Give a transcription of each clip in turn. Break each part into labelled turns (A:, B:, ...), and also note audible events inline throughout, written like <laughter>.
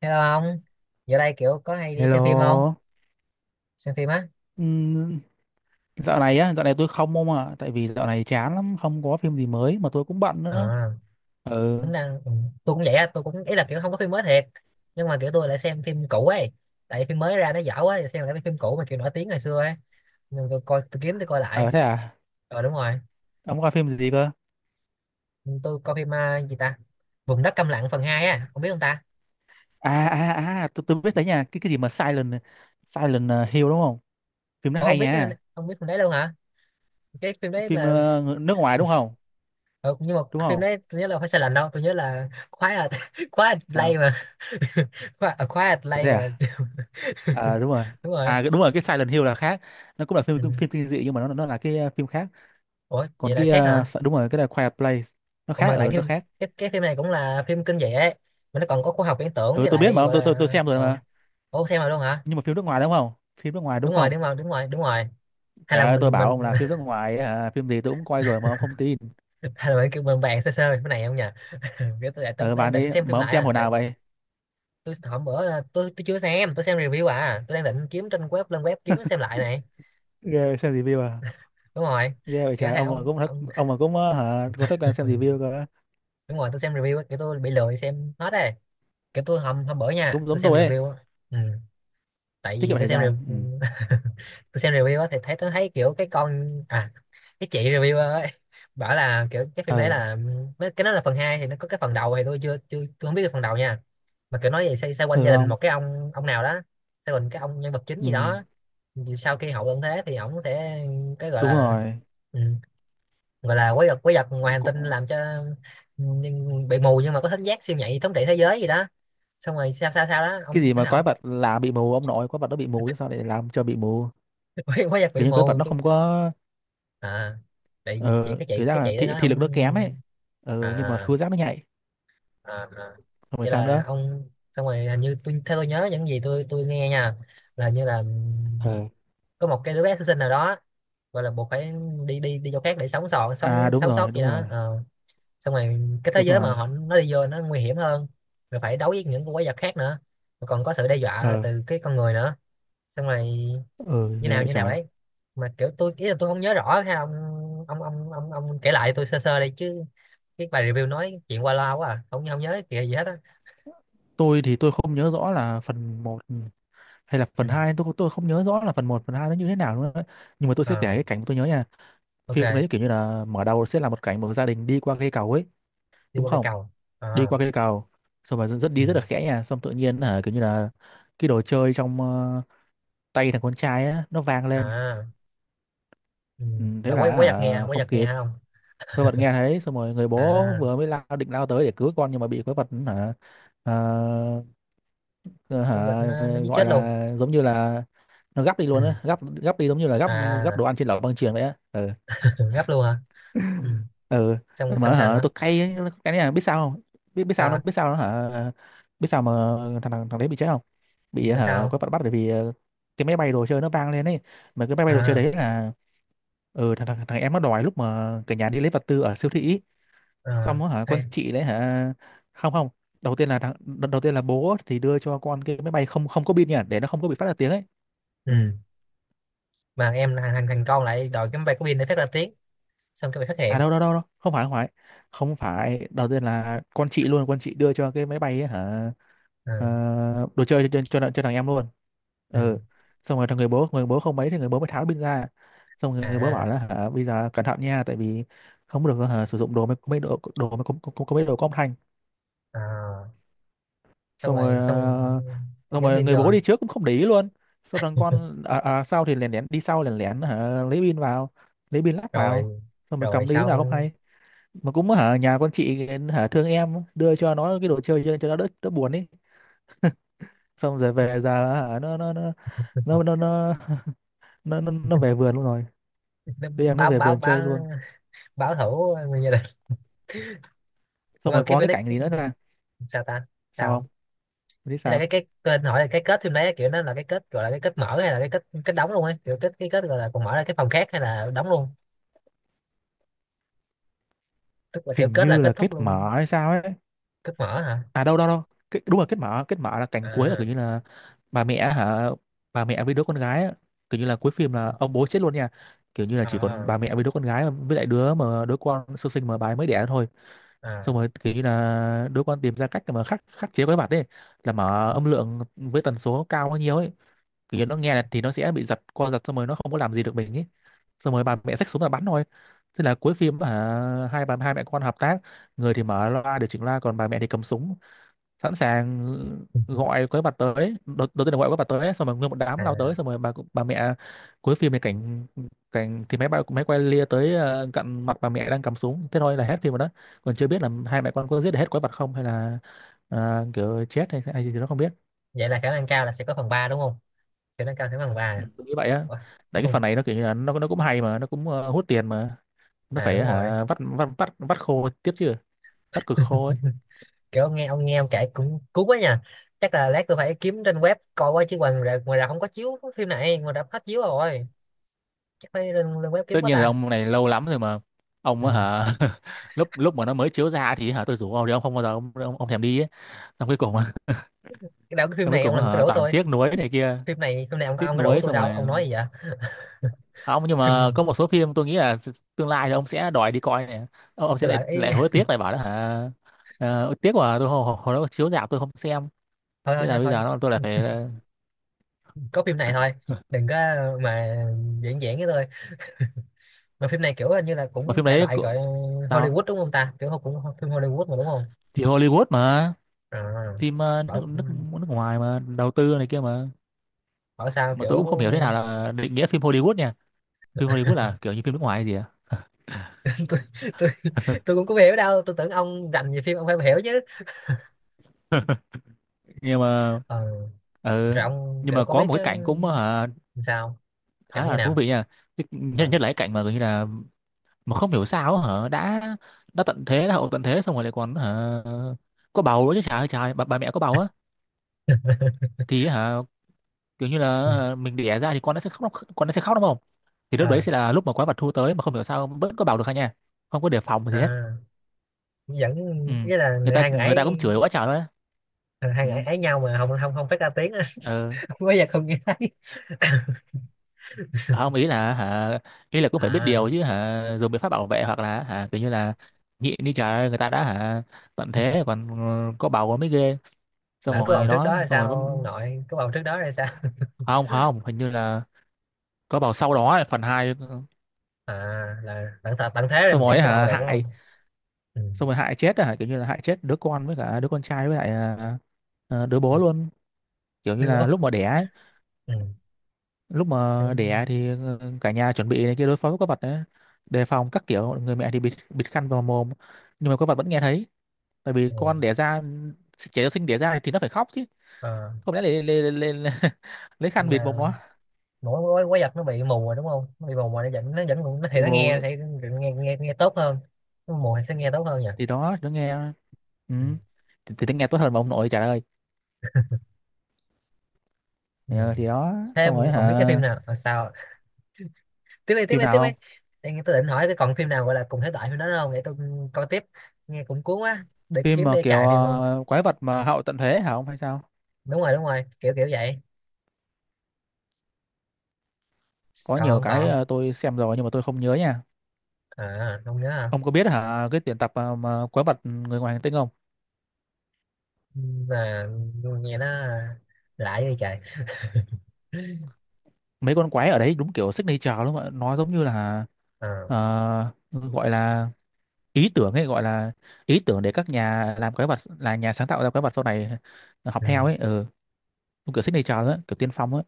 A: Hello ông, giờ đây kiểu có hay đi xem phim không?
B: Hello.
A: Xem phim á?
B: Ừm, dạo này tôi không ông ạ, tại vì dạo này chán lắm, không có phim gì mới mà tôi cũng bận
A: À,
B: nữa. Ừ.
A: tính năng tôi cũng vậy á, tôi cũng ý là kiểu không có phim mới thiệt, nhưng mà kiểu tôi lại xem phim cũ ấy, tại vì phim mới ra nó dở quá, giờ xem lại mấy phim cũ mà kiểu nổi tiếng ngày xưa ấy, nhưng tôi coi lại.
B: ờ Thế à?
A: Ờ, đúng rồi.
B: Ông coi phim gì cơ?
A: Ừ, tôi coi phim à, gì ta? Vùng đất câm lặng phần hai á, ông biết không ta?
B: À, tôi biết đấy nha, cái gì mà Silent Silent ờ, Hill đúng không? Phim nó
A: Ủa ông
B: hay
A: biết cái-
B: nha.
A: Ông biết phim đấy luôn hả? Cái phim đấy
B: Phim
A: là
B: nước ngoài đúng không?
A: ừ, nhưng mà
B: Đúng
A: phim
B: không?
A: đấy tôi nhớ là phải sai lệch đâu, tôi nhớ là Quiet <laughs> Quiet Play
B: Sao?
A: mà. <laughs> Quiet Quiet
B: Ờ,
A: Play
B: thế
A: mà.
B: à? À, đúng rồi.
A: <laughs> Đúng rồi.
B: À, đúng rồi, cái Silent Hill là khác. Nó cũng là phim
A: Ừ.
B: phim kinh dị nhưng mà nó là cái phim khác.
A: Ủa,
B: Còn
A: vậy là
B: cái
A: khác hả?
B: đúng rồi, cái là Quiet Place nó
A: Còn
B: khác
A: mà
B: ở
A: tại
B: nó
A: cái
B: khác.
A: cái cái phim này cũng là phim kinh dị ấy, mà nó còn có khoa học viễn tưởng
B: Ừ,
A: với
B: tôi biết
A: lại
B: mà ông,
A: gọi
B: tôi
A: là
B: tôi tôi xem rồi mà.
A: ủa xem rồi luôn hả?
B: Nhưng mà phim nước ngoài đúng không? Phim nước ngoài đúng
A: Đúng rồi,
B: không?
A: đúng rồi, đúng rồi, đúng rồi. Hay là
B: Trời ơi, tôi
A: mình
B: bảo ông
A: mình
B: là phim nước ngoài ấy hả? Phim gì tôi cũng coi rồi mà ông không tin.
A: <laughs> hay là mình kêu mình bàn sơ sơ cái này không nhỉ? <laughs> Cái tôi
B: Ờ
A: đang
B: Bạn
A: định
B: ấy
A: xem phim
B: mà, ông
A: lại
B: xem
A: à,
B: hồi
A: tại
B: nào vậy?
A: tôi hôm bữa là tôi chưa xem, tôi xem review à, tôi đang định kiếm trên web lên web kiếm xem lại này.
B: Ghê vậy, xem review à?
A: Đúng rồi.
B: Ghê vậy
A: Kiểu
B: trời,
A: hai
B: ông mà
A: ông
B: cũng thích,
A: ông
B: ông mà cũng ờ, hả có thói
A: <laughs>
B: quen xem review cơ.
A: đúng rồi, tôi xem review á, kiểu tôi bị lười xem hết rồi. Kiểu tôi hôm hôm bữa nha,
B: Cũng
A: tôi
B: giống
A: xem
B: tôi ấy.
A: review á. Ừ. Tại
B: Tiết
A: vì
B: kiệm
A: tôi
B: thời
A: xem
B: gian. Ừ.
A: review <laughs> tôi xem review á thì thấy tôi thấy kiểu cái con à cái chị review ấy bảo là kiểu cái phim đấy
B: ờ
A: là cái đó là phần 2 thì nó có cái phần đầu thì tôi chưa chưa tôi không biết cái phần đầu nha, mà kiểu nói về xoay quanh
B: Được
A: gia đình
B: không?
A: một cái ông nào đó, xoay quanh cái ông nhân vật chính
B: Ừ,
A: gì đó. Thì sau khi hậu tận thế thì ổng sẽ cái gọi
B: đúng
A: là
B: rồi.
A: ừ, gọi là quái vật ngoài hành tinh
B: Có-
A: làm cho bị mù nhưng mà có thính giác siêu nhạy thống trị thế giới gì đó, xong rồi sao sao sao đó
B: cái
A: ông
B: gì mà
A: ông.
B: quái vật là bị mù? Ông nội, quái vật nó bị mù chứ sao lại làm cho bị mù?
A: <laughs> quái quái vật bị
B: Kiểu như quái vật
A: mù,
B: nó không có.
A: à tại vì vậy
B: Ờ
A: cái chị
B: Kiểu ra
A: cái
B: là
A: chị đấy
B: thị,
A: nói
B: thị
A: ông.
B: lực nó kém ấy. Nhưng mà
A: À,
B: khứu giác nó nhạy.
A: à, à.
B: Không phải
A: Vậy
B: sao
A: là
B: nữa?
A: ông xong rồi hình như tôi theo tôi nhớ những gì tôi nghe nha, là hình như là
B: ờ
A: có một cái đứa bé sơ sinh nào đó gọi là buộc phải đi đi đi chỗ khác để sống sót, sống
B: Đúng
A: sống
B: rồi,
A: sót gì
B: đúng
A: đó.
B: rồi.
A: Ờ. Xong rồi cái thế
B: Đúng
A: giới mà
B: rồi.
A: họ nó đi vô nó nguy hiểm hơn, rồi phải đấu với những con quái vật khác nữa, rồi còn có sự đe dọa
B: Ờ,
A: từ cái con người nữa, xong rồi
B: ờ Ghe bãi
A: như nào
B: trái.
A: đấy, mà kiểu tôi ý là tôi không nhớ rõ, hay là ông kể lại tôi sơ sơ đây chứ, cái bài review nói chuyện qua loa quá à, không không nhớ kìa gì hết á.
B: Tôi thì tôi không nhớ rõ là phần một hay là
A: Ừ.
B: phần hai, tôi không nhớ rõ là phần một, phần 2 nó như thế nào nữa đấy. Nhưng mà tôi sẽ kể
A: Ờ,
B: cái cảnh tôi nhớ nha. Phim
A: ok.
B: đấy kiểu như là mở đầu sẽ là một cảnh một gia đình đi qua cây cầu ấy,
A: Đi
B: đúng
A: qua cây
B: không?
A: cầu à.
B: Đi qua cây cầu, xong rồi rất
A: Ừ.
B: đi rất là khẽ nha, xong tự nhiên hả, kiểu như là cái đồ chơi trong tay thằng con trai á nó vang lên.
A: À. Ừ.
B: Ừ, thế
A: Là
B: là
A: quái
B: hả,
A: quái
B: không
A: vật nghe
B: kịp.
A: hả không?
B: Quái vật nghe thấy, xong rồi người bố
A: À
B: vừa mới lao, định lao tới để cứu con nhưng mà bị quái vật hả, ờ, ờ,
A: quái vật
B: hả,
A: nó giết
B: gọi
A: chết luôn.
B: là giống như là nó gắp đi
A: Ừ.
B: luôn á, gắp gắp đi giống như là gắp, gắp đồ
A: À.
B: ăn trên lẩu băng chuyền vậy á. Ừ.
A: <laughs> Ừ, gấp luôn hả. Ừ.
B: ừ
A: xong xong
B: mà
A: sao
B: hả,
A: nữa?
B: tôi cay ấy, cái này là biết sao không? Biết, biết sao
A: Sao
B: nó,
A: á?
B: biết sao nó hả, biết sao mà thằng thằng, thằng đấy bị chết không? Bị
A: Tại
B: hả,
A: sao?
B: có bắt, bắt bởi vì cái máy bay đồ chơi nó vang lên ấy, mà cái máy bay đồ chơi
A: À
B: đấy là, ừ, thằng, thằng thằng em nó đòi lúc mà cả nhà đi lấy vật tư ở siêu thị ý.
A: à ờ,
B: Xong rồi hả, con
A: hay.
B: chị đấy hả, không, không, đầu tiên là đầu, đầu tiên là bố thì đưa cho con cái máy bay không, không có pin nha, để nó không có bị phát ra tiếng ấy.
A: Ừ.
B: Ừ.
A: Mà em thằng thằng thằng con lại đòi cái máy bay của pin để phát ra tiếng, xong cái bị phát
B: À,
A: hiện.
B: đâu đâu đâu đâu không phải, không phải, không phải, đầu tiên là con chị luôn, con chị đưa cho cái máy bay ấy, hả. Ờ,
A: Ừ.
B: đồ chơi cho, thằng em luôn.
A: Ừ.
B: Ừ. Xong rồi người bố, người bố không mấy thì người bố mới tháo pin ra. Xong rồi người bố bảo
A: À,
B: là hả, bây giờ cẩn thận nha, tại vì không được hả, sử dụng đồ, mấy mấy đồ, đồ có, mấy đồ có âm thanh.
A: à xong
B: Xong rồi
A: rồi xong.
B: xong
A: Nhắn
B: rồi
A: tin
B: người
A: vô
B: bố
A: à?
B: đi trước cũng không để ý luôn. Xong thằng con sau thì lén lén đi sau, lén lén hả, lấy pin vào, lấy pin lắp vào.
A: Rồi.
B: Xong rồi
A: Rồi
B: cầm đi lúc nào không
A: xong
B: hay. Mà cũng hả, nhà con chị hả, thương em, đưa cho nó cái đồ chơi cho nó đỡ, đỡ buồn ấy. Xong rồi về già hả, nó <laughs> nó về vườn luôn rồi.
A: nó
B: Đứa em nó
A: báo.
B: về
A: báo
B: vườn chơi luôn.
A: báo báo thủ người gia đình. Ủa
B: Xong
A: mà
B: rồi
A: cái
B: có cái
A: Phoenix
B: cảnh
A: cái-
B: gì nữa là,
A: sao ta,
B: sao
A: sao.
B: không, em biết
A: Ý là
B: sao.
A: cái tên hỏi là cái kết phim đấy kiểu nó là cái kết, gọi là cái kết mở hay là cái kết kết đóng luôn ấy, kiểu kết cái kết gọi là còn mở ra cái phòng khác hay là đóng luôn, tức là kiểu
B: Hình
A: kết là
B: như
A: kết
B: là kết
A: thúc luôn.
B: mở hay sao ấy.
A: Kết mở hả?
B: À, đâu đâu đâu cái, đúng là kết mở, kết mở là cảnh cuối là kiểu
A: À
B: như là bà mẹ hả, bà mẹ với đứa con gái á. Kiểu như là cuối phim là ông bố chết luôn nha, kiểu như là chỉ còn
A: à
B: bà mẹ với đứa con gái với lại đứa mà đứa con sơ sinh mà bà ấy mới đẻ thôi.
A: à,
B: Xong rồi cái là đứa con tìm ra cách để mà khắc, chế quái vật ấy, là mở âm lượng với tần số cao bao nhiêu ấy. Kiểu như nó nghe là thì nó sẽ bị giật, co giật, xong rồi nó không có làm gì được mình ấy. Xong rồi bà mẹ xách súng là bắn thôi. Thế là cuối phim à, hai bà, hai mẹ con hợp tác, người thì mở loa, điều chỉnh loa, còn bà mẹ thì cầm súng, sẵn sàng gọi quái vật tới. Đầu tiên là gọi quái vật tới, xong rồi nguyên một đám lao
A: à.
B: tới, xong rồi bà, mẹ cuối phim này cảnh, thì máy quay lia tới cận mặt bà mẹ đang cầm súng, thế thôi là hết phim rồi đó. Còn chưa biết là hai mẹ con có giết được hết quái vật không, hay là kiểu chết hay gì thì nó không biết.
A: Vậy là khả năng cao là sẽ có phần 3 đúng không? Khả năng cao sẽ có phần ba
B: Ừ,
A: à?
B: tôi nghĩ vậy á.
A: Ủa, có
B: Tại cái
A: phần.
B: phần này nó kiểu như là nó cũng hay mà nó cũng hút tiền mà, nó
A: À
B: phải
A: đúng rồi,
B: hả, vắt vắt vắt vắt khô tiếp chứ. Vắt cực khô ấy.
A: kiểu ông kể cũng cuốn quá nha, chắc là lát tôi phải kiếm trên web coi qua chứ ngoài rạp không có chiếu phim này, ngoài rạp hết chiếu rồi, chắc phải lên web kiếm
B: Tất
A: quá
B: nhiên rồi,
A: ta.
B: ông này lâu lắm rồi mà. Ông
A: Ừ.
B: á hả. <laughs> Lúc, lúc mà nó mới chiếu ra thì hả, tôi rủ ông thì ông không bao giờ, ông thèm đi ấy. Xong cuối cùng <laughs> á,
A: Cái đạo cái phim
B: xong cuối
A: này ông
B: cùng
A: làm cái
B: hả,
A: rủ
B: toàn
A: tôi,
B: tiếc nuối này kia,
A: phim này ông
B: tiếc
A: ông có rủ
B: nuối,
A: tôi
B: xong rồi.
A: đâu ông nói gì vậy?
B: À, ông, nhưng mà
A: Phim
B: có một số phim tôi nghĩ là tương lai thì ông sẽ đòi đi coi này. Ông sẽ
A: tôi
B: lại
A: lại ý.
B: lại hối
A: <laughs>
B: tiếc lại bảo đó hả. Tiếc mà tôi hồi, hồi hồi đó chiếu rạp tôi không xem.
A: Thôi
B: Thế
A: thôi
B: là
A: thôi
B: bây
A: thôi,
B: giờ nó, tôi lại phải
A: có phim này thôi, đừng có mà diễn diễn với tôi, mà phim này kiểu như là
B: mà
A: cũng
B: phim
A: thể
B: đấy
A: loại gọi
B: cũng, sao,
A: Hollywood đúng không ta, kiểu cũng phim Hollywood mà đúng không?
B: thì Hollywood mà.
A: À,
B: Phim nước
A: bảo
B: nước nước ngoài mà đầu tư này kia mà.
A: bảo sao
B: Mà
A: kiểu
B: tôi cũng không hiểu thế nào là định nghĩa phim Hollywood nha. Phim Hollywood là kiểu như phim nước ngoài hay gì à?
A: tôi, tôi,
B: <laughs>
A: tôi cũng không hiểu đâu, tôi tưởng ông rành về phim ông phải hiểu chứ.
B: Nhưng mà
A: Ờ, rồi
B: ờ,
A: ông
B: nhưng
A: kiểu
B: mà
A: có
B: có
A: biết
B: một cái
A: cái
B: cảnh cũng hả,
A: sao
B: khá
A: cảnh như
B: là thú
A: nào?
B: vị nha. Nhất
A: Ờ.
B: Nhất là cái cảnh mà gần như là, mà không hiểu sao hả, đã tận thế, đã hậu tận thế, xong rồi lại còn hả, có bầu nữa chứ. Trời ơi trời, bà mẹ có bầu á. Thì hả, kiểu như
A: Ừ.
B: là hả, mình đẻ ra thì con nó sẽ khóc, con nó sẽ khóc đúng không? Thì lúc đấy
A: À,
B: sẽ là lúc mà quái vật thu tới, mà không hiểu sao vẫn có bầu được hả nha. Không có đề phòng gì hết.
A: à, vẫn
B: Ừ.
A: nghĩa là
B: Người
A: người
B: ta,
A: hai người
B: người ta cũng
A: ấy.
B: chửi quá trời luôn á.
A: Ờ, hai
B: Ừ.
A: người ấy, ấy nhau mà không không không phát ra tiếng á.
B: Ờ.
A: <laughs> Không có giờ không nghe thấy. <laughs>
B: Ờ, không, ý là hả, ý là cũng phải biết
A: À
B: điều chứ hả, dùng biện pháp bảo vệ hoặc là hả, kiểu như là nhịn đi trời ơi, người ta đã hả, tận thế còn, ừ, có bầu mới ghê. Xong
A: lỡ có bầu
B: rồi
A: trước
B: đó,
A: đó là
B: xong rồi
A: sao, ông
B: mới,
A: nội có bầu trước đó là sao?
B: à, không không, hình như là có bầu sau đó ấy, phần hai
A: <laughs> À là tận thế, tận thế rồi
B: xong
A: mà
B: rồi
A: vẫn
B: ấy
A: có bầu
B: hả
A: được đúng không?
B: hại,
A: Ừ.
B: xong rồi hại chết hả, kiểu như là hại chết đứa con với cả đứa con trai với lại đứa bố luôn. Kiểu như
A: Đưa bố.
B: là lúc mà đẻ ấy,
A: Ừ.
B: lúc mà đẻ
A: Đúng.
B: thì cả nhà chuẩn bị này kia đối phó với quái vật ấy, đề phòng các kiểu. Người mẹ thì bịt bịt khăn vào mồm, nhưng mà quái vật vẫn nghe thấy, tại vì
A: Ừ.
B: con đẻ ra, trẻ sơ sinh đẻ ra thì nó phải khóc chứ,
A: Ờ,
B: không lẽ <laughs> lấy khăn
A: nhưng
B: bịt
A: mà
B: mồm nó.
A: mũi quái vật nó bị mù rồi đúng không, nó bị mù rồi nó thì
B: Bịt
A: nó nghe
B: mồm
A: thì nghe nghe nghe tốt hơn. Nó mù thì sẽ nghe tốt hơn nhỉ.
B: thì đó, nó nghe. Ừ.
A: Ừ.
B: Thì nó nghe tốt hơn mà ông nội trả lời.
A: Ừ.
B: Ờ, thì đó.
A: Thế
B: Xong rồi
A: em còn biết cái phim
B: hả,
A: nào à, sao? Tiếp đi, tiếp
B: phim
A: đi,
B: nào
A: tiếp đi.
B: không.
A: Em tôi định hỏi cái còn phim nào gọi là cùng thể loại phim đó không để tôi coi tiếp, nghe cũng cuốn quá để
B: Phim
A: kiếm
B: mà
A: đi
B: kiểu
A: cài phim luôn.
B: quái vật mà hậu tận thế hả ông hay sao?
A: Đúng rồi, đúng rồi, kiểu kiểu vậy.
B: Có
A: Còn
B: nhiều
A: không
B: cái
A: còn,
B: tôi xem rồi nhưng mà tôi không nhớ nha.
A: à không nhớ hả.
B: Ông có biết hả, cái tuyển tập mà quái vật người ngoài hành tinh không?
A: Ừ, mà nghe nó lạ như trời. <laughs>
B: Mấy con quái ở đấy đúng kiểu signature luôn ạ, nó giống như là
A: Ờ,
B: ờ, gọi là ý tưởng ấy, gọi là ý tưởng để các nhà làm quái vật, là nhà sáng tạo ra quái vật sau này học
A: ừ.
B: theo ấy. Ừ. Đúng kiểu signature đó, kiểu tiên phong ấy.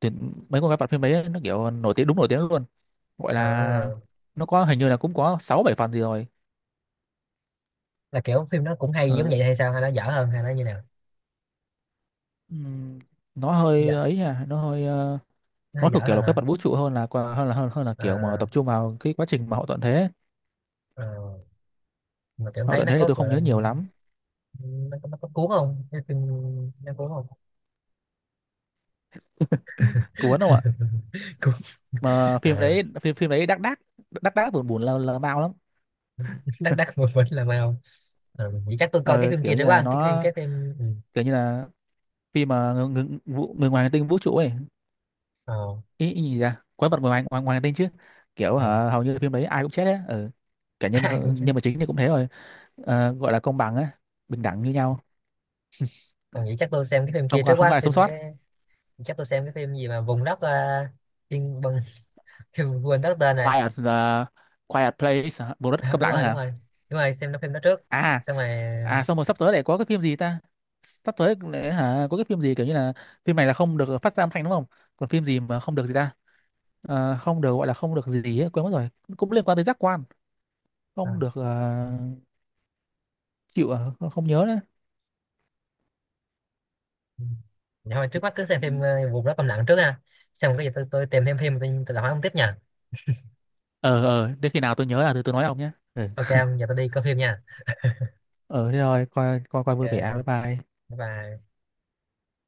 B: Thì mấy con quái vật phim đấy nó kiểu nổi tiếng, đúng nổi tiếng luôn, gọi
A: Ờ,
B: là nó có hình như là cũng có sáu bảy phần gì rồi.
A: là kiểu phim nó cũng hay giống
B: Ừ.
A: vậy hay sao, hay nó dở hơn, hay nó như nào?
B: Ừm, nó hơi
A: Dở.
B: ấy à, nó hơi
A: Nó hơi
B: nó
A: dở
B: thuộc kiểu
A: hơn
B: là quái
A: hả?
B: vật vũ trụ hơn là hơn là hơn là kiểu mà tập
A: À,
B: trung vào cái quá trình mà hậu tận thế.
A: ờ, mà kiểu
B: Hậu
A: thấy
B: tận
A: nó
B: thế thì
A: có
B: tôi
A: gọi
B: không nhớ
A: là
B: nhiều lắm.
A: nó có cuốn không cái phim, nó cuốn không?
B: Cuốn không ạ?
A: <laughs> Cuốn.
B: Mà phim
A: À,
B: đấy, phim phim đấy đắc đắc đắc đắc buồn, lờ, mau lắm.
A: đắc đắc
B: <laughs>
A: một mình là mày không. À, vậy chắc tôi coi cái
B: Ờ,
A: phim
B: Kiểu
A: kia trước
B: như là
A: quá, cái phim
B: nó
A: ừ.
B: kiểu như là khi mà người ngoài hành tinh vũ trụ ấy,
A: Ờ,
B: ý gì, ra quái vật ngoài ngoài, ngoài hành tinh chứ. Kiểu
A: ờ.
B: hả, hầu như phim đấy ai cũng chết đấy. Ừ. Cả
A: <laughs> Ai cũng chứ.
B: nhân vật chính thì cũng thế rồi. Ờ, gọi là công bằng á, bình đẳng như nhau.
A: Còn vậy chắc tôi xem cái phim kia
B: Không
A: trước
B: có, không có
A: quá,
B: ai sống
A: phim
B: sót.
A: cái, chắc tôi xem cái phim gì mà vùng đất tiên bằng. <laughs> Quên đất tên này.
B: Quiet Quiet Place hả? Bộ đất
A: À,
B: câm
A: đúng
B: lặng
A: rồi, đúng
B: hả?
A: rồi, đúng rồi, xem nó phim đó trước
B: À,
A: xong rồi.
B: à, xong rồi sắp tới lại có cái phim gì ta, sắp tới lại hả, có cái phim gì kiểu như là phim này là không được phát ra âm thanh đúng không? Còn phim gì mà không được gì ta? Ờ, không được, gọi là không được gì ấy, quên mất rồi. Cũng liên quan tới giác quan.
A: Ờ,
B: Không được chịu à, không, không nhớ nữa.
A: dạ thôi trước mắt cứ xem phim vùng đó câm lặng trước ha, xem cái gì tôi tìm thêm phim, tôi lại hỏi ông tiếp nha.
B: Ờ, ờ, đến khi nào tôi nhớ là tôi nói ông nhé. Ừ.
A: Ok ông, giờ tôi đi coi phim nha.
B: Ờ, thế rồi coi, coi
A: Ok,
B: vui vẻ, bye bye.
A: bye bye.